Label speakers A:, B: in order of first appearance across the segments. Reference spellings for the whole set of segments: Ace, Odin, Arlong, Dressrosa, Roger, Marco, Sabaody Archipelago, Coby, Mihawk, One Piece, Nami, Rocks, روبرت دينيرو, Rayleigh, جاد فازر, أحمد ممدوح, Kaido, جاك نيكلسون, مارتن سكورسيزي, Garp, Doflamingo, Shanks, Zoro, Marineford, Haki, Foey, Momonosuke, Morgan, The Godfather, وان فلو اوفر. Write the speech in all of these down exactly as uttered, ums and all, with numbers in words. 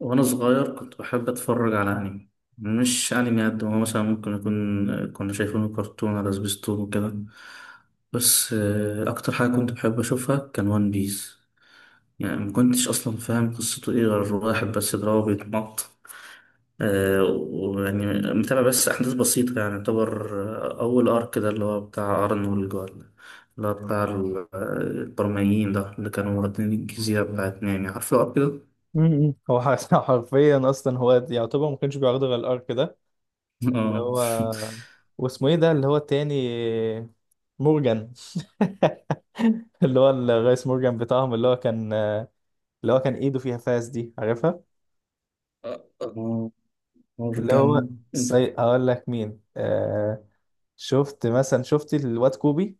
A: وانا صغير كنت بحب اتفرج على انمي. مش انمي قد ما هو، مثلا ممكن يكون كنا شايفينه كرتون على سبيستون وكده. بس آه، اكتر حاجه كنت بحب اشوفها كان وان بيس. يعني ما كنتش اصلا فاهم قصته ايه، غير واحد بس دراعه بيتمط. آه، ويعني متابع بس احداث بسيطه، يعني يعتبر. آه، اول ارك ده اللي هو بتاع ارنولد جوال، اللي هو بتاع ال- آه، البرمائيين، ده اللي كانوا واخدين الجزيره بتاعت نامي. عارفه الارك ده؟
B: امم هو ح- حرفيا اصلا هو يعتبر ما كانش بيعرض غير الارك ده، اللي هو. واسمه ايه ده اللي هو التاني؟ مورجان. اللي هو الرئيس مورجان بتاعهم، اللي هو كان، اللي هو كان ايده فيها فاس دي، عارفها؟
A: اه.
B: اللي
A: مورجان.
B: هو سي... هقول لك مين، آه... شفت مثلا، شفت الواد كوبي.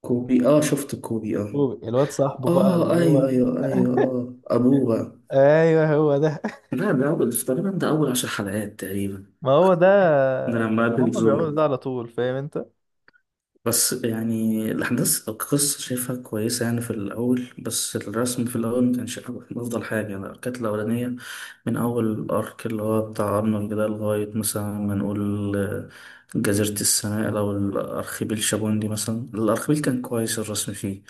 A: كوبي، اه، شفت كوبي، اه.
B: كوبي الواد صاحبه بقى،
A: اه،
B: اللي هو.
A: ايوه ايوه ايوه، اه، ابوه بقى.
B: ايوه، هو ده.
A: لا ده اول تقريبا، ده اول عشر حلقات تقريبا.
B: ما هو ده،
A: ده لما قابل
B: هم
A: زورو.
B: بيعملوا ده على طول، فاهم انت؟
A: بس يعني الاحداث، القصه شايفها كويسه يعني في الاول، بس الرسم في الاول ما كانش افضل حاجه، يعني كانت الاولانيه. من أول الأرك اللي هو بتاع أرنولد ده لغاية مثلا ما نقول آه، جزيرة السنائل، أو الأرخبيل شابوندي، مثلا الأرخبيل كان كويس الرسم فيه.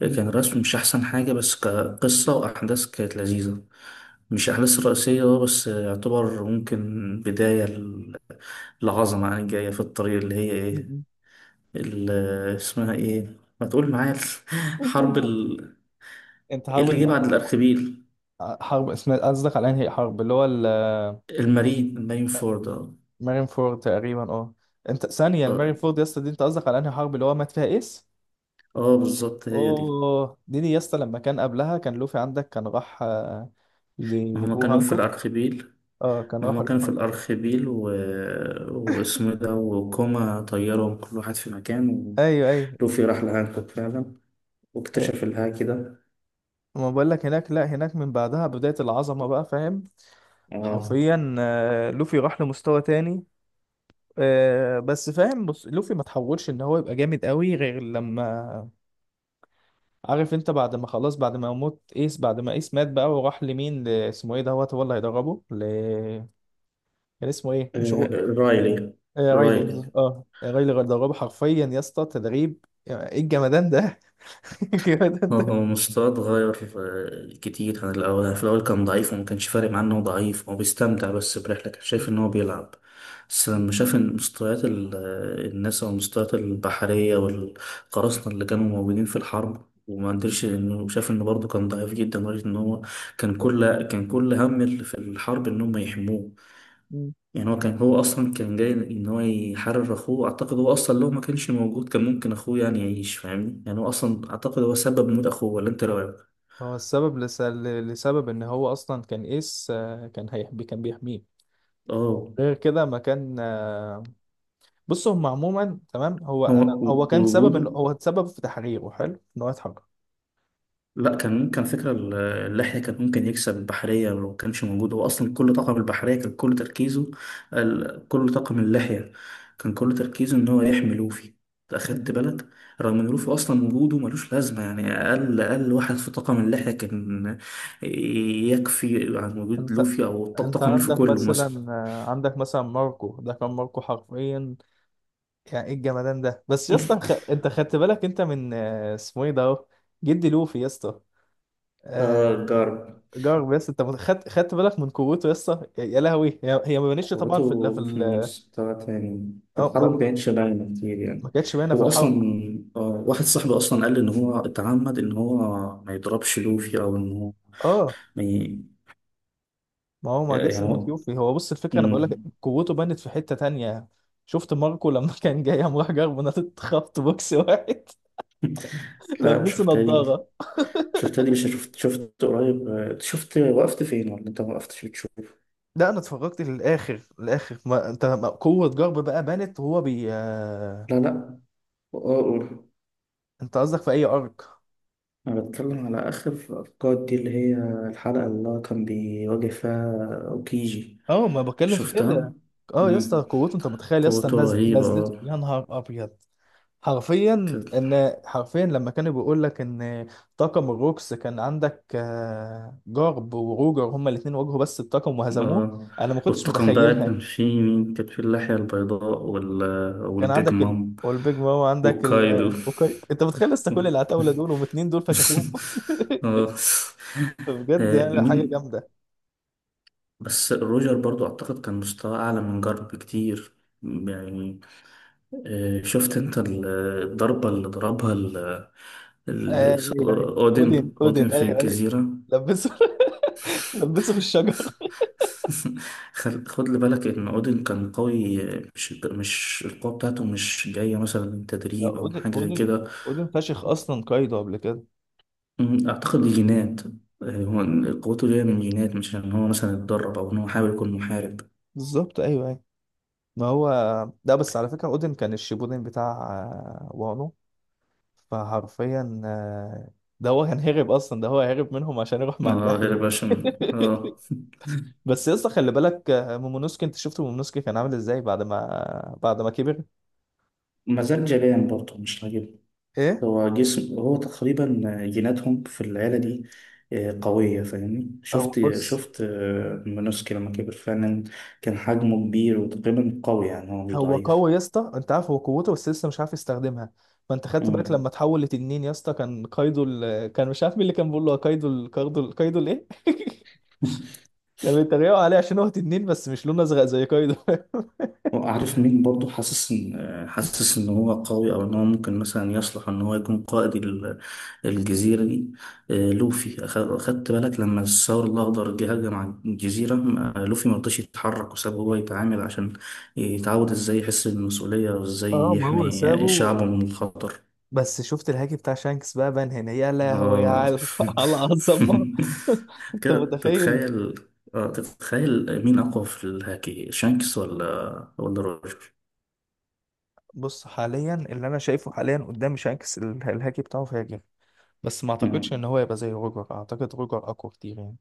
A: كان الرسم مش أحسن حاجة، بس كقصة وأحداث كانت لذيذة. مش أحداث رئيسية، آه، بس يعتبر ممكن بداية ل- العظمة، يعني جاية في الطريق، اللي هي إيه، اللي اسمها إيه، ما تقول معايا. حرب ال...
B: انت
A: إيه
B: حرب؟
A: اللي جه بعد الأرخبيل؟
B: حرب اسمها، قصدك على انهي حرب اللي هو؟
A: المارين المارين فورد آه.
B: المارين فورد تقريبا، اه. انت ثانية، المارين
A: آه.
B: فورد يا اسطى دي؟ انت قصدك على انهي حرب اللي هو مات فيها ايس؟
A: اه بالظبط هي دي.
B: اوه، دي دي يا اسطى، لما كان قبلها كان لوفي عندك كان راح آه،
A: ما هما
B: لبو
A: كانوا في
B: هانكوك.
A: الأرخبيل.
B: اه، كان
A: ما
B: راح
A: هما كانوا
B: لبو
A: في
B: هانكوك.
A: الأرخبيل و... واسمه إيه ده، وكوما طيرهم كل واحد في مكان.
B: ايوه ايوه.
A: ولوفي راح لهانكوك فعلا،
B: إيه،
A: واكتشف الهاكي ده.
B: ما بقول لك هناك، لا، هناك من بعدها بداية العظمة بقى، فاهم.
A: اه.
B: حرفيا آه، لوفي راح لمستوى تاني. آه، بس فاهم، بص، لوفي ما تحولش ان هو يبقى جامد قوي غير لما عارف انت، بعد ما خلاص، بعد ما موت ايس، بعد ما ايس مات بقى وراح لمين، ل- اسمه ايه دوت هو اللي هيدربه ل... كان اسمه ايه، مش
A: آه،
B: رو...
A: رايلي.
B: آه رايلي،
A: رايلي.
B: بالظبط. اه رايلي اللي هيدربه حرفيا يا اسطى، تدريب ايه الجمدان ده؟ الجمدان
A: هو
B: ده.
A: هو مستواه اتغير آه، كتير عن الأول، يعني في الأول كان ضعيف، وما كانش فارق معاه إنه ضعيف، هو بيستمتع بس برحلة، كان شايف إن هو بيلعب. بس لما شاف إن مستويات ال- آه، الناس، أو المستويات البحرية والقراصنة اللي كانوا موجودين في الحرب، وما قدرش، إنه شاف إنه برضه كان ضعيف جدا لدرجة إن هو كان كل كان كل هم اللي في الحرب إن هم يحموه.
B: مم.
A: يعني هو كان هو اصلا كان جاي ان هو يحرر اخوه. اعتقد هو اصلا لو ما كانش موجود، كان ممكن اخوه يعني يعيش. فاهمني؟ يعني هو اصلا، اعتقد هو سبب موت اخوه، ولا انت رايك؟
B: هو السبب، لس... ل- لسبب ان هو اصلا كان ايس آه، كان هيحبي، كان بيحميه.
A: اه.
B: غير كده ما كان آه، بص هم عموما تمام. هو
A: هو
B: انا،
A: و-
B: هو كان سبب
A: ووجوده.
B: ان هو اتسبب في تحريره، حلو ان هو يتحرر.
A: لا، كان كان فكرة ال- اللحية، كان ممكن يكسب البحرية لو كانش موجود. هو أصلا كل طاقم البحرية كان كل تركيزه، ال- كل طاقم اللحية كان كل تركيزه إن هو يحمي لوفي. أخدت بالك؟ رغم إن لوفي أصلا وجوده ملوش لازمة، يعني أقل أقل واحد في طاقم اللحية كان يكفي عن وجود
B: انت
A: لوفي، أو ط-
B: انت
A: طاقم لوفي
B: عندك
A: كله مثلا.
B: مثلا آه، عندك مثلا ماركو ده، كان ماركو حرفيا يعني ايه الجمدان ده بس يا اسطى، خ... انت خدت بالك انت من آه، اسمه ايه ده اهو، جدي لوفي يا اسطى.
A: آه،
B: آه،
A: جارب.
B: جارب يا اسطى، انت مت- خدت خدت بالك من قوته يا اسطى، يا يا لهوي. هي هي ما بانتش طبعا في ال... في
A: قوته في
B: ال...
A: مستوى تاني، في
B: اه ما...
A: الحرب مبينش باينة كتير
B: ما
A: يعني.
B: كانتش باينه في
A: هو أصلا،
B: الحرب.
A: آه، واحد صاحبي أصلا قال لي إن هو اتعمد إن هو ما يضربش لوفي، أو إن هو
B: اه
A: ما ي...
B: ما هو ما
A: يعني
B: جاش من
A: هو.
B: لوفي، هو بص الفكره، انا بقول
A: مم.
B: لك قوته بانت في حته تانية. شفت ماركو لما كان جاي قام راح جارب، نطت خبط بوكس واحد.
A: لا،
B: لبسه
A: شفت لي،
B: نضاره.
A: شفت لي، مش شفت شفت قريب، آه، شفت، وقفت فين، ولا أنت ما وقفتش بتشوف؟
B: لا، انا اتفرجت للاخر، الاخر ما انت، ما قوه جرب بقى بانت وهو بي آه،
A: لا لا. أقول.
B: انت قصدك في اي ارك؟
A: أنا بتكلم على آخر الأركاد دي، اللي هي الحلقة اللي هو كان بيواجه فيها أوكيجي.
B: اه، ما بتكلم في كده.
A: شفتها؟
B: اه يا اسطى قوته، انت متخيل يا اسطى؟
A: قوته
B: الناس
A: رهيبة،
B: نزلته،
A: اه.
B: يا نهار ابيض. حرفيا
A: كان.
B: ان، حرفيا لما كانوا بيقول لك ان طاقم الروكس كان عندك آه، جارب وروجر، هما الاثنين واجهوا بس الطاقم وهزموه.
A: اه،
B: انا ما كنتش
A: والطاقم بقى
B: متخيلها.
A: كان فيه مين؟ كان فيه اللحية البيضاء وال...
B: كان
A: والبيج
B: عندك ال...
A: مام،
B: والبيج ماما، عندك ال...
A: وكايدو.
B: أوكي. انت متخيل لسه كل العتاوله دول، واتنين دول فشخوهم.
A: اه.
B: بجد
A: آه،
B: يعني حاجه
A: مين.
B: جامده.
A: بس روجر برضو أعتقد كان مستواه أعلى من جارب بكتير. يعني آه، شفت أنت ال- الضربة اللي ضربها ال- ال-
B: ايوه ايوه، اودن
A: اودن اودن
B: اودن،
A: في
B: ايوه ايوه.
A: الجزيرة.
B: لبسه لبسه في الشجر.
A: خل- خد لي بالك ان اودين كان قوي. مش مش القوه بتاعته مش جايه مثلا من
B: ده
A: تدريب او
B: اودن
A: حاجه زي
B: اودن،
A: كده.
B: اودن فشخ اصلا قايده قبل كده.
A: أمم، اعتقد دي جينات. آه، هو قوته جايه من جينات، مش ان هو مثلا اتدرب، او ان هو حاول يكون محارب.
B: بالظبط، ايوه ايوه. ما هو ده. بس على فكره اودن كان الشيبودن بتاع آه، وانو. فحرفيا آه، ده هو كان هرب اصلا، ده هو هرب منهم عشان يروح مع
A: اه
B: اللحيه.
A: هيرباشن اه.
B: بس يا اسطى خلي بالك آه، مومونوسكي، انت شفت مومونوسكي كان عامل ازاي بعد ما بعد ما كبر؟
A: مزاج جبان برضه، مش راجل.
B: ايه.
A: هو جسم، هو تقريبا جيناتهم في العيلة دي آه، قوية، فاهمني؟
B: هو
A: شفت
B: بص
A: شفت آه، مونوسكي لما كبر فعلا كان حجمه كبير، وتقريبا قوي، يعني هو مش
B: هو قوي
A: ضعيف.
B: يا اسطى، انت عارف. هو قوته بس لسه مش عارف يستخدمها. ما انت خدت بالك
A: مم.
B: لما تحول لتنين يا اسطى، كان كايدو ال... كان مش عارف مين اللي كان بيقول له كايدو ال... كايدو ال... كايدو الايه؟ كان بيتريقوا عليه عشان هو تنين بس مش لونه ازرق زي كايدو.
A: عارف مين برضو حاسس ان حاسس ان هو قوي، او ان هو ممكن مثلا يصلح ان هو يكون قائد ال- الجزيره دي؟ آه، لوفي، أخ- خدت بالك لما الثور الاخضر جه هجم على الجزيره؟ ما- لوفي ما رضاش يتحرك وساب هو يتعامل، عشان يتعود ازاي يحس بالمسؤوليه، وازاي
B: اه ما هو سابه.
A: يحمي شعبه من الخطر.
B: بس شفت الهاكي بتاع شانكس بقى بان هنا، يا لهوي
A: اه.
B: على على عظمه. انت
A: كده
B: متخيل.
A: تتخيل؟ آه تتخيل مين اقوى في الهاكي؟ شانكس ولا ولا روجر؟
B: بص حاليا اللي انا شايفه حاليا، قدام شانكس، ال- الهاكي بتاعه فاجر. بس ما اعتقدش ان هو يبقى زي روجر، اعتقد روجر اقوى كتير يعني.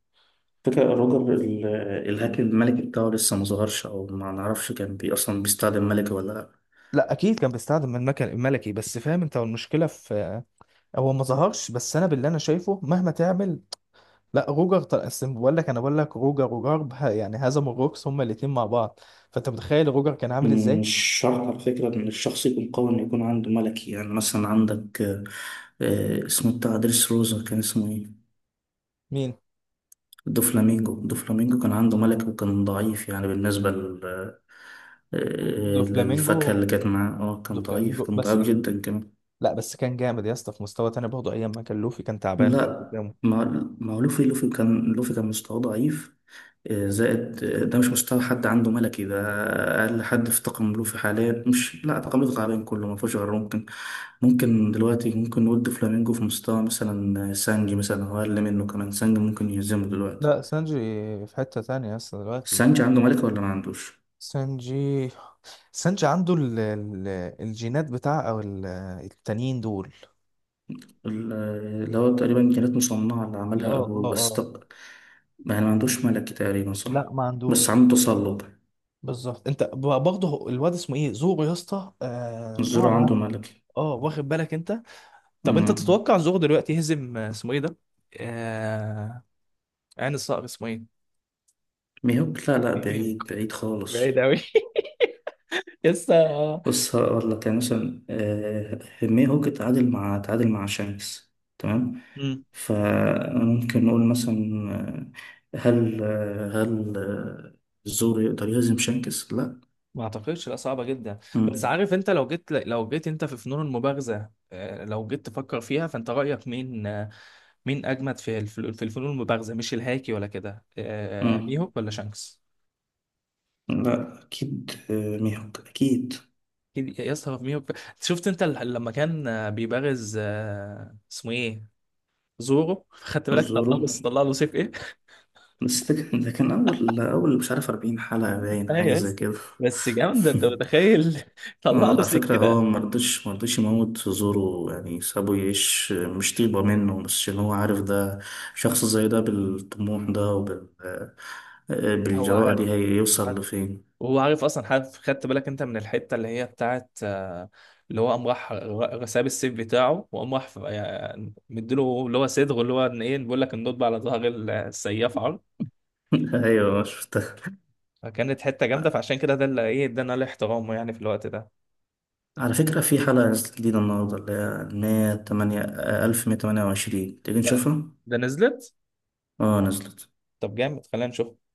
A: فكرة روجر ال- الهاكر الملكي بتاعه لسه ما ظهرش، أو ما نعرفش كان بي أصلا بيستخدم ملكي ولا لأ.
B: لا اكيد كان بيستخدم المكن الملكي، بس فاهم انت المشكله في، هو ما ظهرش، بس انا باللي انا شايفه مهما تعمل، لا روجر طل... أصل بقول لك، انا بقول لك روجر وجارب، ه- يعني هزموا الروكس هما الاثنين مع بعض، فانت متخيل روجر كان عامل ازاي.
A: مش شرط على فكرة إن الشخص يكون قوي إنه يكون عنده ملكي، يعني مثلا عندك آه، آه، اسمه بتاع دريس روزا كان اسمه إيه؟
B: مين؟
A: دوفلامينجو. دوفلامينجو كان عنده ملكي وكان ضعيف، يعني بالنسبة لل آه،
B: دو
A: آه،
B: فلامينجو،
A: للفاكهة اللي كانت معاه. اه
B: دو
A: كان ضعيف،
B: فلامينجو
A: كان
B: بس
A: ضعيف
B: دو فل...
A: جدا كمان.
B: لا بس كان جامد يا اسطى في مستوى تاني برضه، ايام ما كان لوفي كان تعبان برضه
A: لا.
B: جامد.
A: ما، ما هو لوفي لوفي كان لوفي كان مستواه ضعيف، آه، زائد، آه، ده مش مستوى حد عنده ملكي ده. أقل حد في طاقم ملوفي حاليا مش، لا، طاقم ملوفي حاليا كله ما فيهوش غير ممكن ممكن دلوقتي، ممكن نقول فلامينجو في مستوى مثلا آه، سانجي مثلا، هو أقل منه كمان، سانجي ممكن يهزمه دلوقتي.
B: لا سانجي في حته تانية يا اسطى دلوقتي.
A: سانجي عنده ملكة ولا ما عندوش؟
B: سانجي، سانجي عنده ال... ال... الجينات بتاع او ال- التانيين دول.
A: ال- آه، اللي هو تقريبا كانت مصنعة، اللي
B: اه
A: عملها أبوه
B: اه
A: بس.
B: اه.
A: طب يعني ما عندوش ملكي تقريبا، صح؟
B: لا ما عندوش.
A: بس عنده تسلط.
B: بالظبط. انت ب- برضه، هو- الواد اسمه ايه زورو يا اسطى، آه،
A: الزرع
B: ظهر عد-
A: عنده ملكي.
B: اه، واخد بالك انت. طب انت
A: مم.
B: تتوقع زورو دلوقتي يهزم آه، اسمه ايه ده، آه... عين الصقر اسمه ايه؟
A: ميهوك؟ لا لا،
B: إيبيك.
A: بعيد بعيد
B: بعيد
A: خالص.
B: قوي. لسه.
A: بص هقول لك يعني مثلا آه، هيمي هوج تعادل مع تعادل مع شانكس، تمام.
B: امم
A: فممكن نقول مثلا، آه، هل آه، هل آه، الزور يقدر يهزم شانكس؟ لا.
B: ما اعتقدش، لا صعبه جدا. بس
A: مم.
B: عارف انت، لو جيت، لو جيت انت في فنون المبارزه آه، لو جيت تفكر فيها، فانت رايك مين آه، مين اجمد في الف- في الفنون المبارزه، مش الهاكي ولا كده، آه،
A: مم.
B: ميهوك ولا شانكس؟
A: لا أكيد، آه، ميهوك أكيد.
B: أكيد يا اسطى فابينيو ب- شفت انت ال- لما كان آه، بيبارز آه، اسمه ايه، زورو، خدت بالك؟ طلع
A: الزورو.
B: له طلع له سيف ايه.
A: بس ده كان ده كان أول أول مش عارف أربعين حلقة، باين
B: ايوه
A: حاجة
B: يا
A: زي
B: اسطى.
A: كده.
B: بس جامده انت متخيل، طلع
A: آه،
B: له
A: على فكرة
B: سكينه.
A: هو مرضش مرضش يموت في زوره، يعني سابه يعيش، مش طيبة منه، بس عشان هو عارف ده شخص زي ده، بالطموح ده، وبال آه،
B: هو
A: بالجراءة دي،
B: عارف، عارف،
A: هيوصل لفين.
B: وهو عارف اصلا عارف. خدت بالك انت من الحته اللي هي بتاعت آه، اللي هو قام راح ر- ساب السيف بتاعه وقام راح ف- يعني مديله اللي هو صدغه، اللي هو ان ايه بيقول لك النطبه على ظهر السياف عرض.
A: أيوة شفتها.
B: فكانت حته جامده، فعشان كده ده اللي ايه، ادانا له احترامه يعني في الوقت ده.
A: على فكرة في حلقة نزلت جديدة النهاردة، اللي هي مية تمانية، آه، ألف مية تمانية وعشرين. تيجي
B: ده
A: نشوفها؟
B: ده نزلت؟
A: اه نزلت.
B: طب جامد، خلينا نشوف.